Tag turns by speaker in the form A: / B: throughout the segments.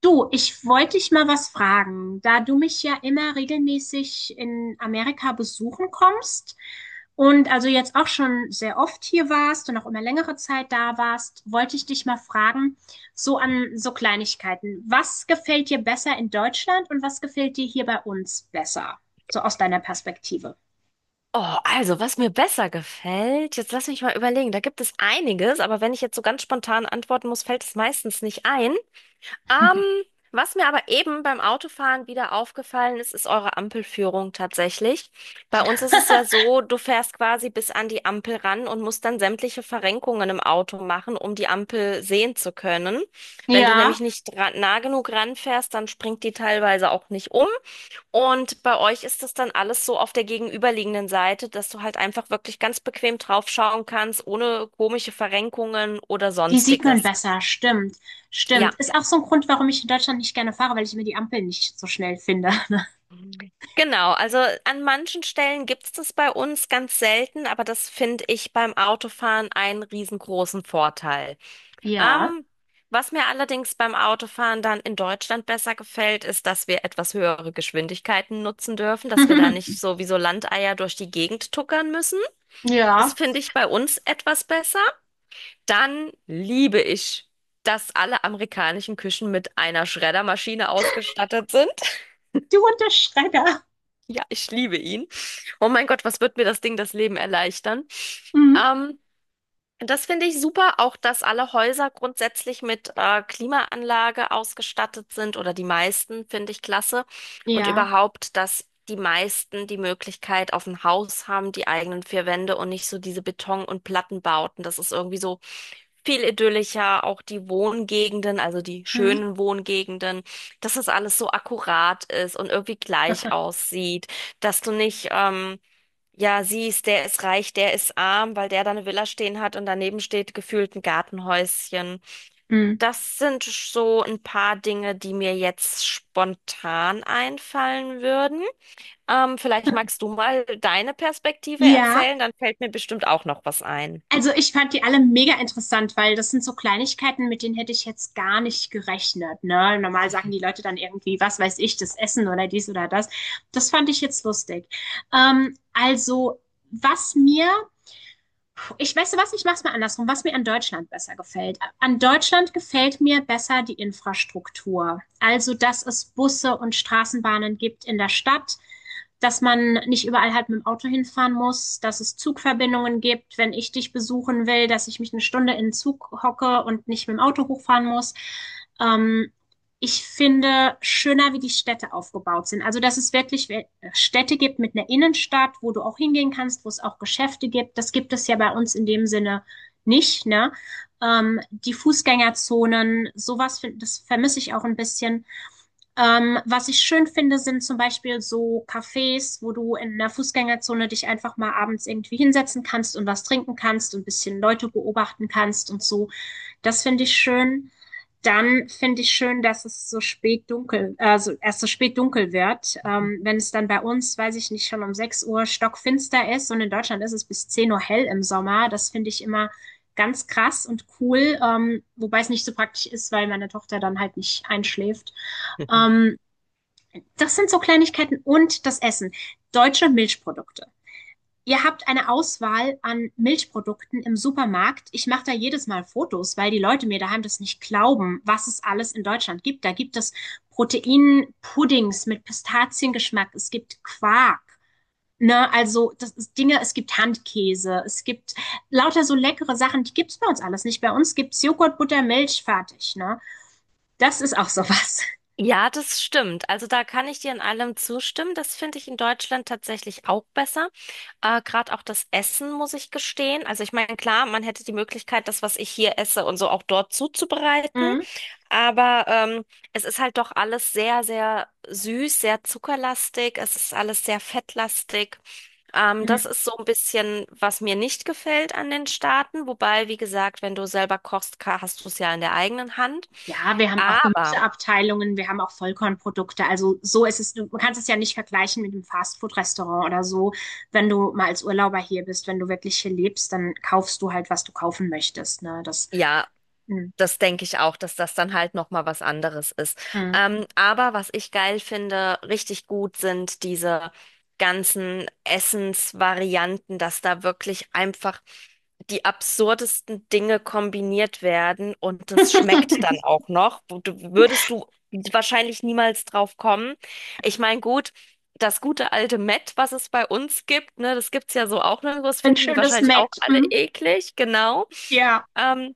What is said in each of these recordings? A: Du, ich wollte dich mal was fragen. Da du mich ja immer regelmäßig in Amerika besuchen kommst und also jetzt auch schon sehr oft hier warst und auch immer längere Zeit da warst, wollte ich dich mal fragen, so an so Kleinigkeiten. Was gefällt dir besser in Deutschland und was gefällt dir hier bei uns besser? So aus deiner Perspektive.
B: Oh, also, was mir besser gefällt, jetzt lass mich mal überlegen. Da gibt es einiges, aber wenn ich jetzt so ganz spontan antworten muss, fällt es meistens nicht ein. Ähm, was mir aber eben beim Autofahren wieder aufgefallen ist, ist eure Ampelführung tatsächlich. Bei uns ist es ja so, du fährst quasi bis an die Ampel ran und musst dann sämtliche Verrenkungen im Auto machen, um die Ampel sehen zu können. Wenn du nämlich
A: Ja,
B: nicht nah genug ranfährst, dann springt die teilweise auch nicht um. Und bei euch ist das dann alles so auf der gegenüberliegenden Seite, dass du halt einfach wirklich ganz bequem draufschauen kannst, ohne komische Verrenkungen oder
A: die sieht man
B: sonstiges.
A: besser, stimmt,
B: Ja.
A: stimmt. Ist auch so ein Grund, warum ich in Deutschland nicht gerne fahre, weil ich mir die Ampeln nicht so schnell finde.
B: Mhm. Genau, also an manchen Stellen gibt's das bei uns ganz selten, aber das finde ich beim Autofahren einen riesengroßen Vorteil.
A: Ja.
B: Ähm, was mir allerdings beim Autofahren dann in Deutschland besser gefällt, ist, dass wir etwas höhere Geschwindigkeiten nutzen dürfen, dass wir da nicht so wie so Landeier durch die Gegend tuckern müssen. Das
A: Ja,
B: finde ich bei uns etwas besser. Dann liebe ich, dass alle amerikanischen Küchen mit einer Schreddermaschine ausgestattet sind.
A: du und
B: Ja, ich liebe ihn. Oh mein Gott, was wird mir das Ding das Leben erleichtern?
A: Mhm.
B: Ähm, Das finde ich super, auch dass alle Häuser grundsätzlich mit Klimaanlage ausgestattet sind oder die meisten, finde ich klasse. Und
A: Ja.
B: überhaupt, dass die meisten die Möglichkeit auf ein Haus haben, die eigenen vier Wände und nicht so diese Beton- und Plattenbauten. Das ist irgendwie so viel idyllischer, auch die Wohngegenden, also die
A: Mhm.
B: schönen Wohngegenden, dass das alles so akkurat ist und irgendwie gleich aussieht, dass du nicht, ja, siehst, der ist reich, der ist arm, weil der da eine Villa stehen hat und daneben steht gefühlt ein Gartenhäuschen.
A: Mhm.
B: Das sind so ein paar Dinge, die mir jetzt spontan einfallen würden. Vielleicht magst du mal deine Perspektive
A: Ja,
B: erzählen, dann fällt mir bestimmt auch noch was ein.
A: also ich fand die alle mega interessant, weil das sind so Kleinigkeiten, mit denen hätte ich jetzt gar nicht gerechnet, ne? Normal sagen die Leute dann irgendwie, was weiß ich, das Essen oder dies oder das. Das fand ich jetzt lustig. Also, was mir Ich weiß du was, ich mache es mal andersrum, was mir an Deutschland besser gefällt. An Deutschland gefällt mir besser die Infrastruktur. Also, dass es Busse und Straßenbahnen gibt in der Stadt, dass man nicht überall halt mit dem Auto hinfahren muss, dass es Zugverbindungen gibt, wenn ich dich besuchen will, dass ich mich eine Stunde in den Zug hocke und nicht mit dem Auto hochfahren muss. Ähm, ich finde schöner, wie die Städte aufgebaut sind. Also, dass es wirklich Städte gibt mit einer Innenstadt, wo du auch hingehen kannst, wo es auch Geschäfte gibt. Das gibt es ja bei uns in dem Sinne nicht, ne? Die Fußgängerzonen, sowas, das vermisse ich auch ein bisschen. Was ich schön finde, sind zum Beispiel so Cafés, wo du in einer Fußgängerzone dich einfach mal abends irgendwie hinsetzen kannst und was trinken kannst und ein bisschen Leute beobachten kannst und so. Das finde ich schön. Dann finde ich schön, dass es so spät dunkel, also erst so spät dunkel wird. Wenn es dann bei uns, weiß ich nicht, schon um 6 Uhr stockfinster ist und in Deutschland ist es bis 10 Uhr hell im Sommer. Das finde ich immer ganz krass und cool, wobei es nicht so praktisch ist, weil meine Tochter dann halt nicht einschläft. Ähm, das sind so Kleinigkeiten und das Essen. Deutsche Milchprodukte. Ihr habt eine Auswahl an Milchprodukten im Supermarkt. Ich mache da jedes Mal Fotos, weil die Leute mir daheim das nicht glauben, was es alles in Deutschland gibt. Da gibt es Proteinpuddings mit Pistaziengeschmack. Es gibt Quark. Ne, also das ist Dinge, es gibt Handkäse, es gibt lauter so leckere Sachen, die gibt's bei uns alles nicht. Bei uns gibt's Joghurt, Butter, Milch, fertig. Ne? Das ist auch sowas.
B: Ja, das stimmt. Also da kann ich dir in allem zustimmen. Das finde ich in Deutschland tatsächlich auch besser. Gerade auch das Essen, muss ich gestehen. Also ich meine, klar, man hätte die Möglichkeit, das, was ich hier esse und so auch dort zuzubereiten.
A: Mhm.
B: Aber es ist halt doch alles sehr, sehr süß, sehr zuckerlastig. Es ist alles sehr fettlastig. Das
A: Mhm.
B: ist so ein bisschen, was mir nicht gefällt an den Staaten. Wobei, wie gesagt, wenn du selber kochst, hast du es ja in der eigenen Hand.
A: Ja, wir haben auch
B: Aber
A: Gemüseabteilungen, wir haben auch Vollkornprodukte. Also so ist es, du man kannst es ja nicht vergleichen mit einem Fastfood-Restaurant oder so. Wenn du mal als Urlauber hier bist, wenn du wirklich hier lebst, dann kaufst du halt, was du kaufen möchtest. Ne? Das.
B: ja,
A: Mm,
B: das denke ich auch, dass das dann halt noch mal was anderes ist.
A: mm.
B: Aber was ich geil finde, richtig gut sind diese ganzen Essensvarianten, dass da wirklich einfach die absurdesten Dinge kombiniert werden und das schmeckt dann auch noch. Würdest du wahrscheinlich niemals drauf kommen. Ich meine, gut, das gute alte Mett, was es bei uns gibt, ne, das gibt's ja so auch nirgendwo, das
A: Ein
B: finden die
A: schönes
B: wahrscheinlich auch
A: Match.
B: alle
A: Mm,
B: eklig, genau.
A: ja.
B: Ähm,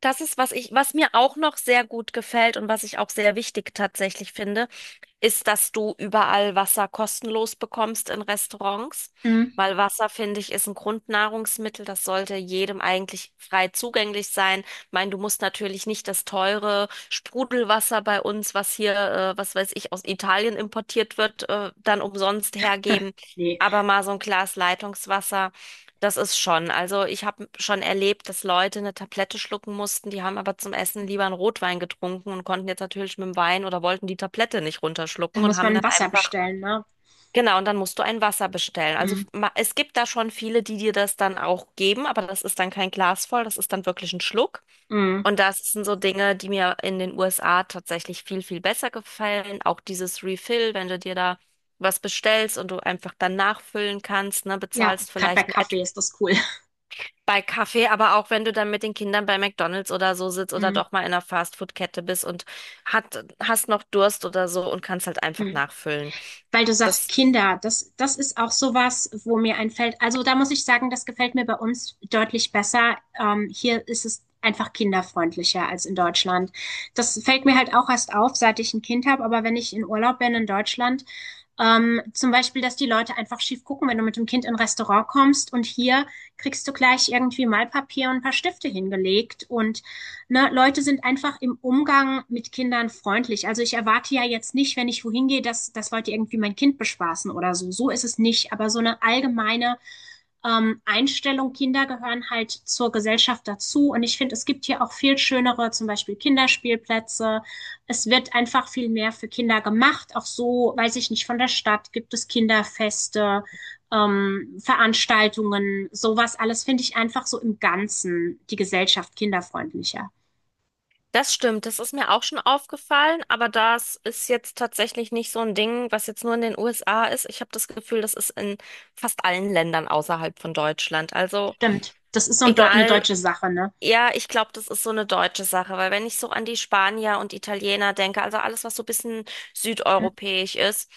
B: Das ist, was ich, was mir auch noch sehr gut gefällt und was ich auch sehr wichtig tatsächlich finde, ist, dass du überall Wasser kostenlos bekommst in Restaurants,
A: Mm.
B: weil Wasser, finde ich, ist ein Grundnahrungsmittel, das sollte jedem eigentlich frei zugänglich sein. Ich meine, du musst natürlich nicht das teure Sprudelwasser bei uns, was hier, was weiß ich, aus Italien importiert wird, dann umsonst hergeben,
A: Nee.
B: aber mal so ein Glas Leitungswasser. Das ist schon. Also ich habe schon erlebt, dass Leute eine Tablette schlucken mussten, die haben aber zum Essen lieber einen Rotwein getrunken und konnten jetzt natürlich mit dem Wein oder wollten die Tablette nicht
A: Da
B: runterschlucken und
A: muss
B: haben
A: man
B: dann
A: Wasser
B: einfach,
A: bestellen, ne?
B: genau, und dann musst du ein Wasser bestellen. Also
A: Mm,
B: es gibt da schon viele, die dir das dann auch geben, aber das ist dann kein Glas voll, das ist dann wirklich ein Schluck.
A: mm.
B: Und das sind so Dinge, die mir in den USA tatsächlich viel, viel besser gefallen. Auch dieses Refill, wenn du dir da was bestellst und du einfach dann nachfüllen kannst, ne,
A: Ja,
B: bezahlst
A: gerade bei
B: vielleicht ein
A: Kaffee ist das cool.
B: bei Kaffee, aber auch wenn du dann mit den Kindern bei McDonald's oder so sitzt oder
A: Mm,
B: doch mal in einer Fastfood-Kette bist und hast noch Durst oder so und kannst halt einfach
A: mm.
B: nachfüllen.
A: Weil du sagst
B: Das,
A: Kinder, das ist auch sowas, wo mir einfällt. Also da muss ich sagen, das gefällt mir bei uns deutlich besser. Hier ist es einfach kinderfreundlicher als in Deutschland. Das fällt mir halt auch erst auf, seit ich ein Kind habe, aber wenn ich in Urlaub bin in Deutschland, zum Beispiel, dass die Leute einfach schief gucken, wenn du mit dem Kind in ein Restaurant kommst und hier kriegst du gleich irgendwie Malpapier und ein paar Stifte hingelegt und ne, Leute sind einfach im Umgang mit Kindern freundlich. Also ich erwarte ja jetzt nicht, wenn ich wohin gehe, dass das wollte irgendwie mein Kind bespaßen oder so. So ist es nicht. Aber so eine allgemeine Einstellung, Kinder gehören halt zur Gesellschaft dazu. Und ich finde, es gibt hier auch viel schönere, zum Beispiel Kinderspielplätze. Es wird einfach viel mehr für Kinder gemacht. Auch so, weiß ich nicht, von der Stadt gibt es Kinderfeste Veranstaltungen, sowas alles finde ich einfach so im Ganzen die Gesellschaft kinderfreundlicher.
B: das stimmt, das ist mir auch schon aufgefallen, aber das ist jetzt tatsächlich nicht so ein Ding, was jetzt nur in den USA ist. Ich habe das Gefühl, das ist in fast allen Ländern außerhalb von Deutschland. Also
A: Stimmt. Das ist so eine
B: egal,
A: deutsche Sache, ne?
B: ja, ich glaube, das ist so eine deutsche Sache, weil wenn ich so an die Spanier und Italiener denke, also alles, was so ein bisschen
A: Mhm.
B: südeuropäisch ist,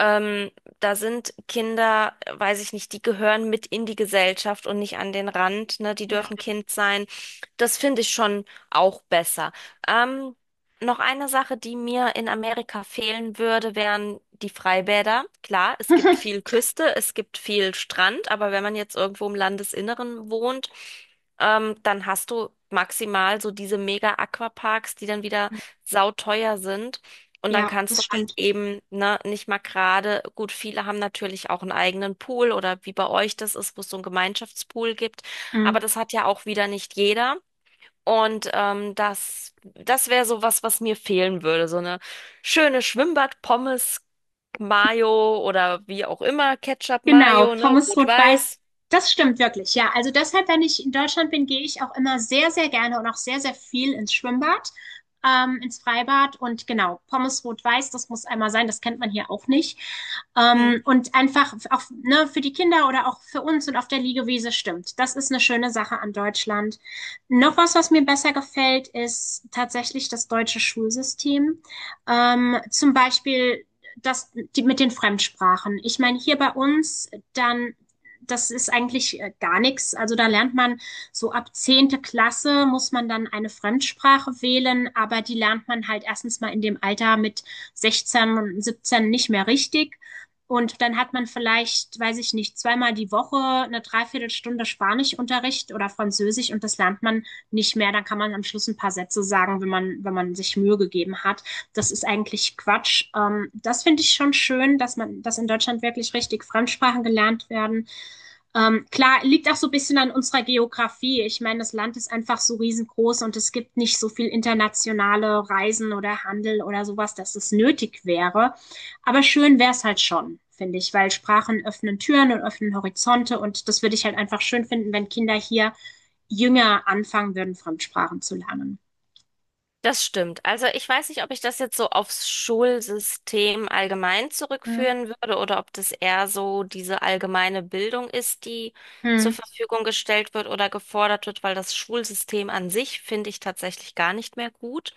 B: ähm, da sind Kinder, weiß ich nicht, die gehören mit in die Gesellschaft und nicht an den Rand, ne? Die
A: Ja.
B: dürfen Kind sein. Das finde ich schon auch besser. Ähm, Noch eine Sache, die mir in Amerika fehlen würde, wären die Freibäder. Klar, es gibt viel Küste, es gibt viel Strand, aber wenn man jetzt irgendwo im Landesinneren wohnt, dann hast du maximal so diese Mega-Aquaparks, die dann wieder sauteuer sind. Und dann
A: Ja, das
B: kannst du halt
A: stimmt.
B: eben, ne, nicht mal gerade, gut, viele haben natürlich auch einen eigenen Pool oder wie bei euch das ist, wo es so einen Gemeinschaftspool gibt. Aber
A: Mhm.
B: das hat ja auch wieder nicht jeder. Und das wäre so was, was mir fehlen würde. So eine schöne Schwimmbad-Pommes, Mayo oder wie auch immer,
A: Genau,
B: Ketchup-Mayo, ne,
A: Pommes rot-weiß.
B: rot-weiß.
A: Das stimmt wirklich, ja. Also deshalb, wenn ich in Deutschland bin, gehe ich auch immer sehr, sehr gerne und auch sehr, sehr viel ins Schwimmbad, ins Freibad. Und genau, Pommes rot-weiß, das muss einmal sein, das kennt man hier auch nicht.
B: Hm.
A: Und einfach auch, ne, für die Kinder oder auch für uns und auf der Liegewiese stimmt. Das ist eine schöne Sache an Deutschland. Noch was, was mir besser gefällt, ist tatsächlich das deutsche Schulsystem. Zum Beispiel das, die, mit den Fremdsprachen. Ich meine, hier bei uns, dann, das ist eigentlich gar nichts. Also da lernt man so ab 10. Klasse muss man dann eine Fremdsprache wählen, aber die lernt man halt erstens mal in dem Alter mit 16 und 17 nicht mehr richtig. Und dann hat man vielleicht, weiß ich nicht, zweimal die Woche eine Dreiviertelstunde Spanischunterricht oder Französisch und das lernt man nicht mehr. Dann kann man am Schluss ein paar Sätze sagen, wenn man sich Mühe gegeben hat. Das ist eigentlich Quatsch. Das finde ich schon schön, dass in Deutschland wirklich richtig Fremdsprachen gelernt werden. Klar, liegt auch so ein bisschen an unserer Geografie. Ich meine, das Land ist einfach so riesengroß und es gibt nicht so viel internationale Reisen oder Handel oder sowas, dass es nötig wäre. Aber schön wäre es halt schon finde ich, weil Sprachen öffnen Türen und öffnen Horizonte und das würde ich halt einfach schön finden, wenn Kinder hier jünger anfangen würden, Fremdsprachen zu lernen.
B: Das stimmt. Also ich weiß nicht, ob ich das jetzt so aufs Schulsystem allgemein
A: Hm.
B: zurückführen würde oder ob das eher so diese allgemeine Bildung ist, die zur
A: Hm.
B: Verfügung gestellt wird oder gefordert wird, weil das Schulsystem an sich finde ich tatsächlich gar nicht mehr gut.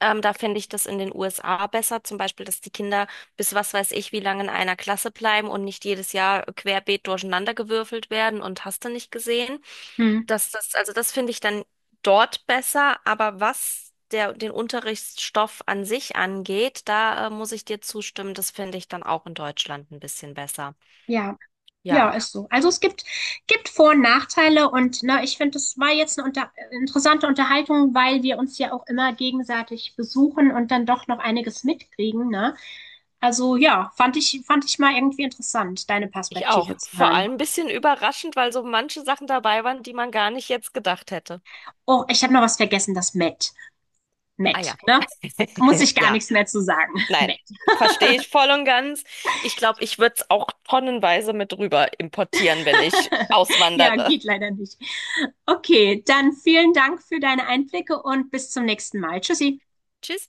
B: Da finde ich das in den USA besser, zum Beispiel, dass die Kinder bis was weiß ich wie lange in einer Klasse bleiben und nicht jedes Jahr querbeet durcheinander gewürfelt werden und hast du nicht gesehen.
A: Hm.
B: Also das finde ich dann dort besser, aber was den Unterrichtsstoff an sich angeht, da muss ich dir zustimmen, das finde ich dann auch in Deutschland ein bisschen besser.
A: Ja,
B: Ja,
A: Ja, ist so. Also es gibt Vor- und Nachteile und na, ich finde, es war jetzt eine unter interessante Unterhaltung, weil wir uns ja auch immer gegenseitig besuchen und dann doch noch einiges mitkriegen, ne? Also ja, fand ich mal irgendwie interessant, deine
B: ich
A: Perspektive
B: auch.
A: zu
B: Vor
A: hören.
B: allem ein bisschen überraschend, weil so manche Sachen dabei waren, die man gar nicht jetzt gedacht hätte.
A: Oh, ich habe noch was vergessen, das Met.
B: Ah ja.
A: Met, ne? Muss ich gar
B: Ja,
A: nichts mehr zu sagen.
B: nein,
A: Met.
B: verstehe ich voll und ganz. Ich glaube, ich würde es auch tonnenweise mit rüber importieren, wenn ich
A: Ja,
B: auswandere.
A: geht leider nicht. Okay, dann vielen Dank für deine Einblicke und bis zum nächsten Mal. Tschüssi.
B: Tschüss.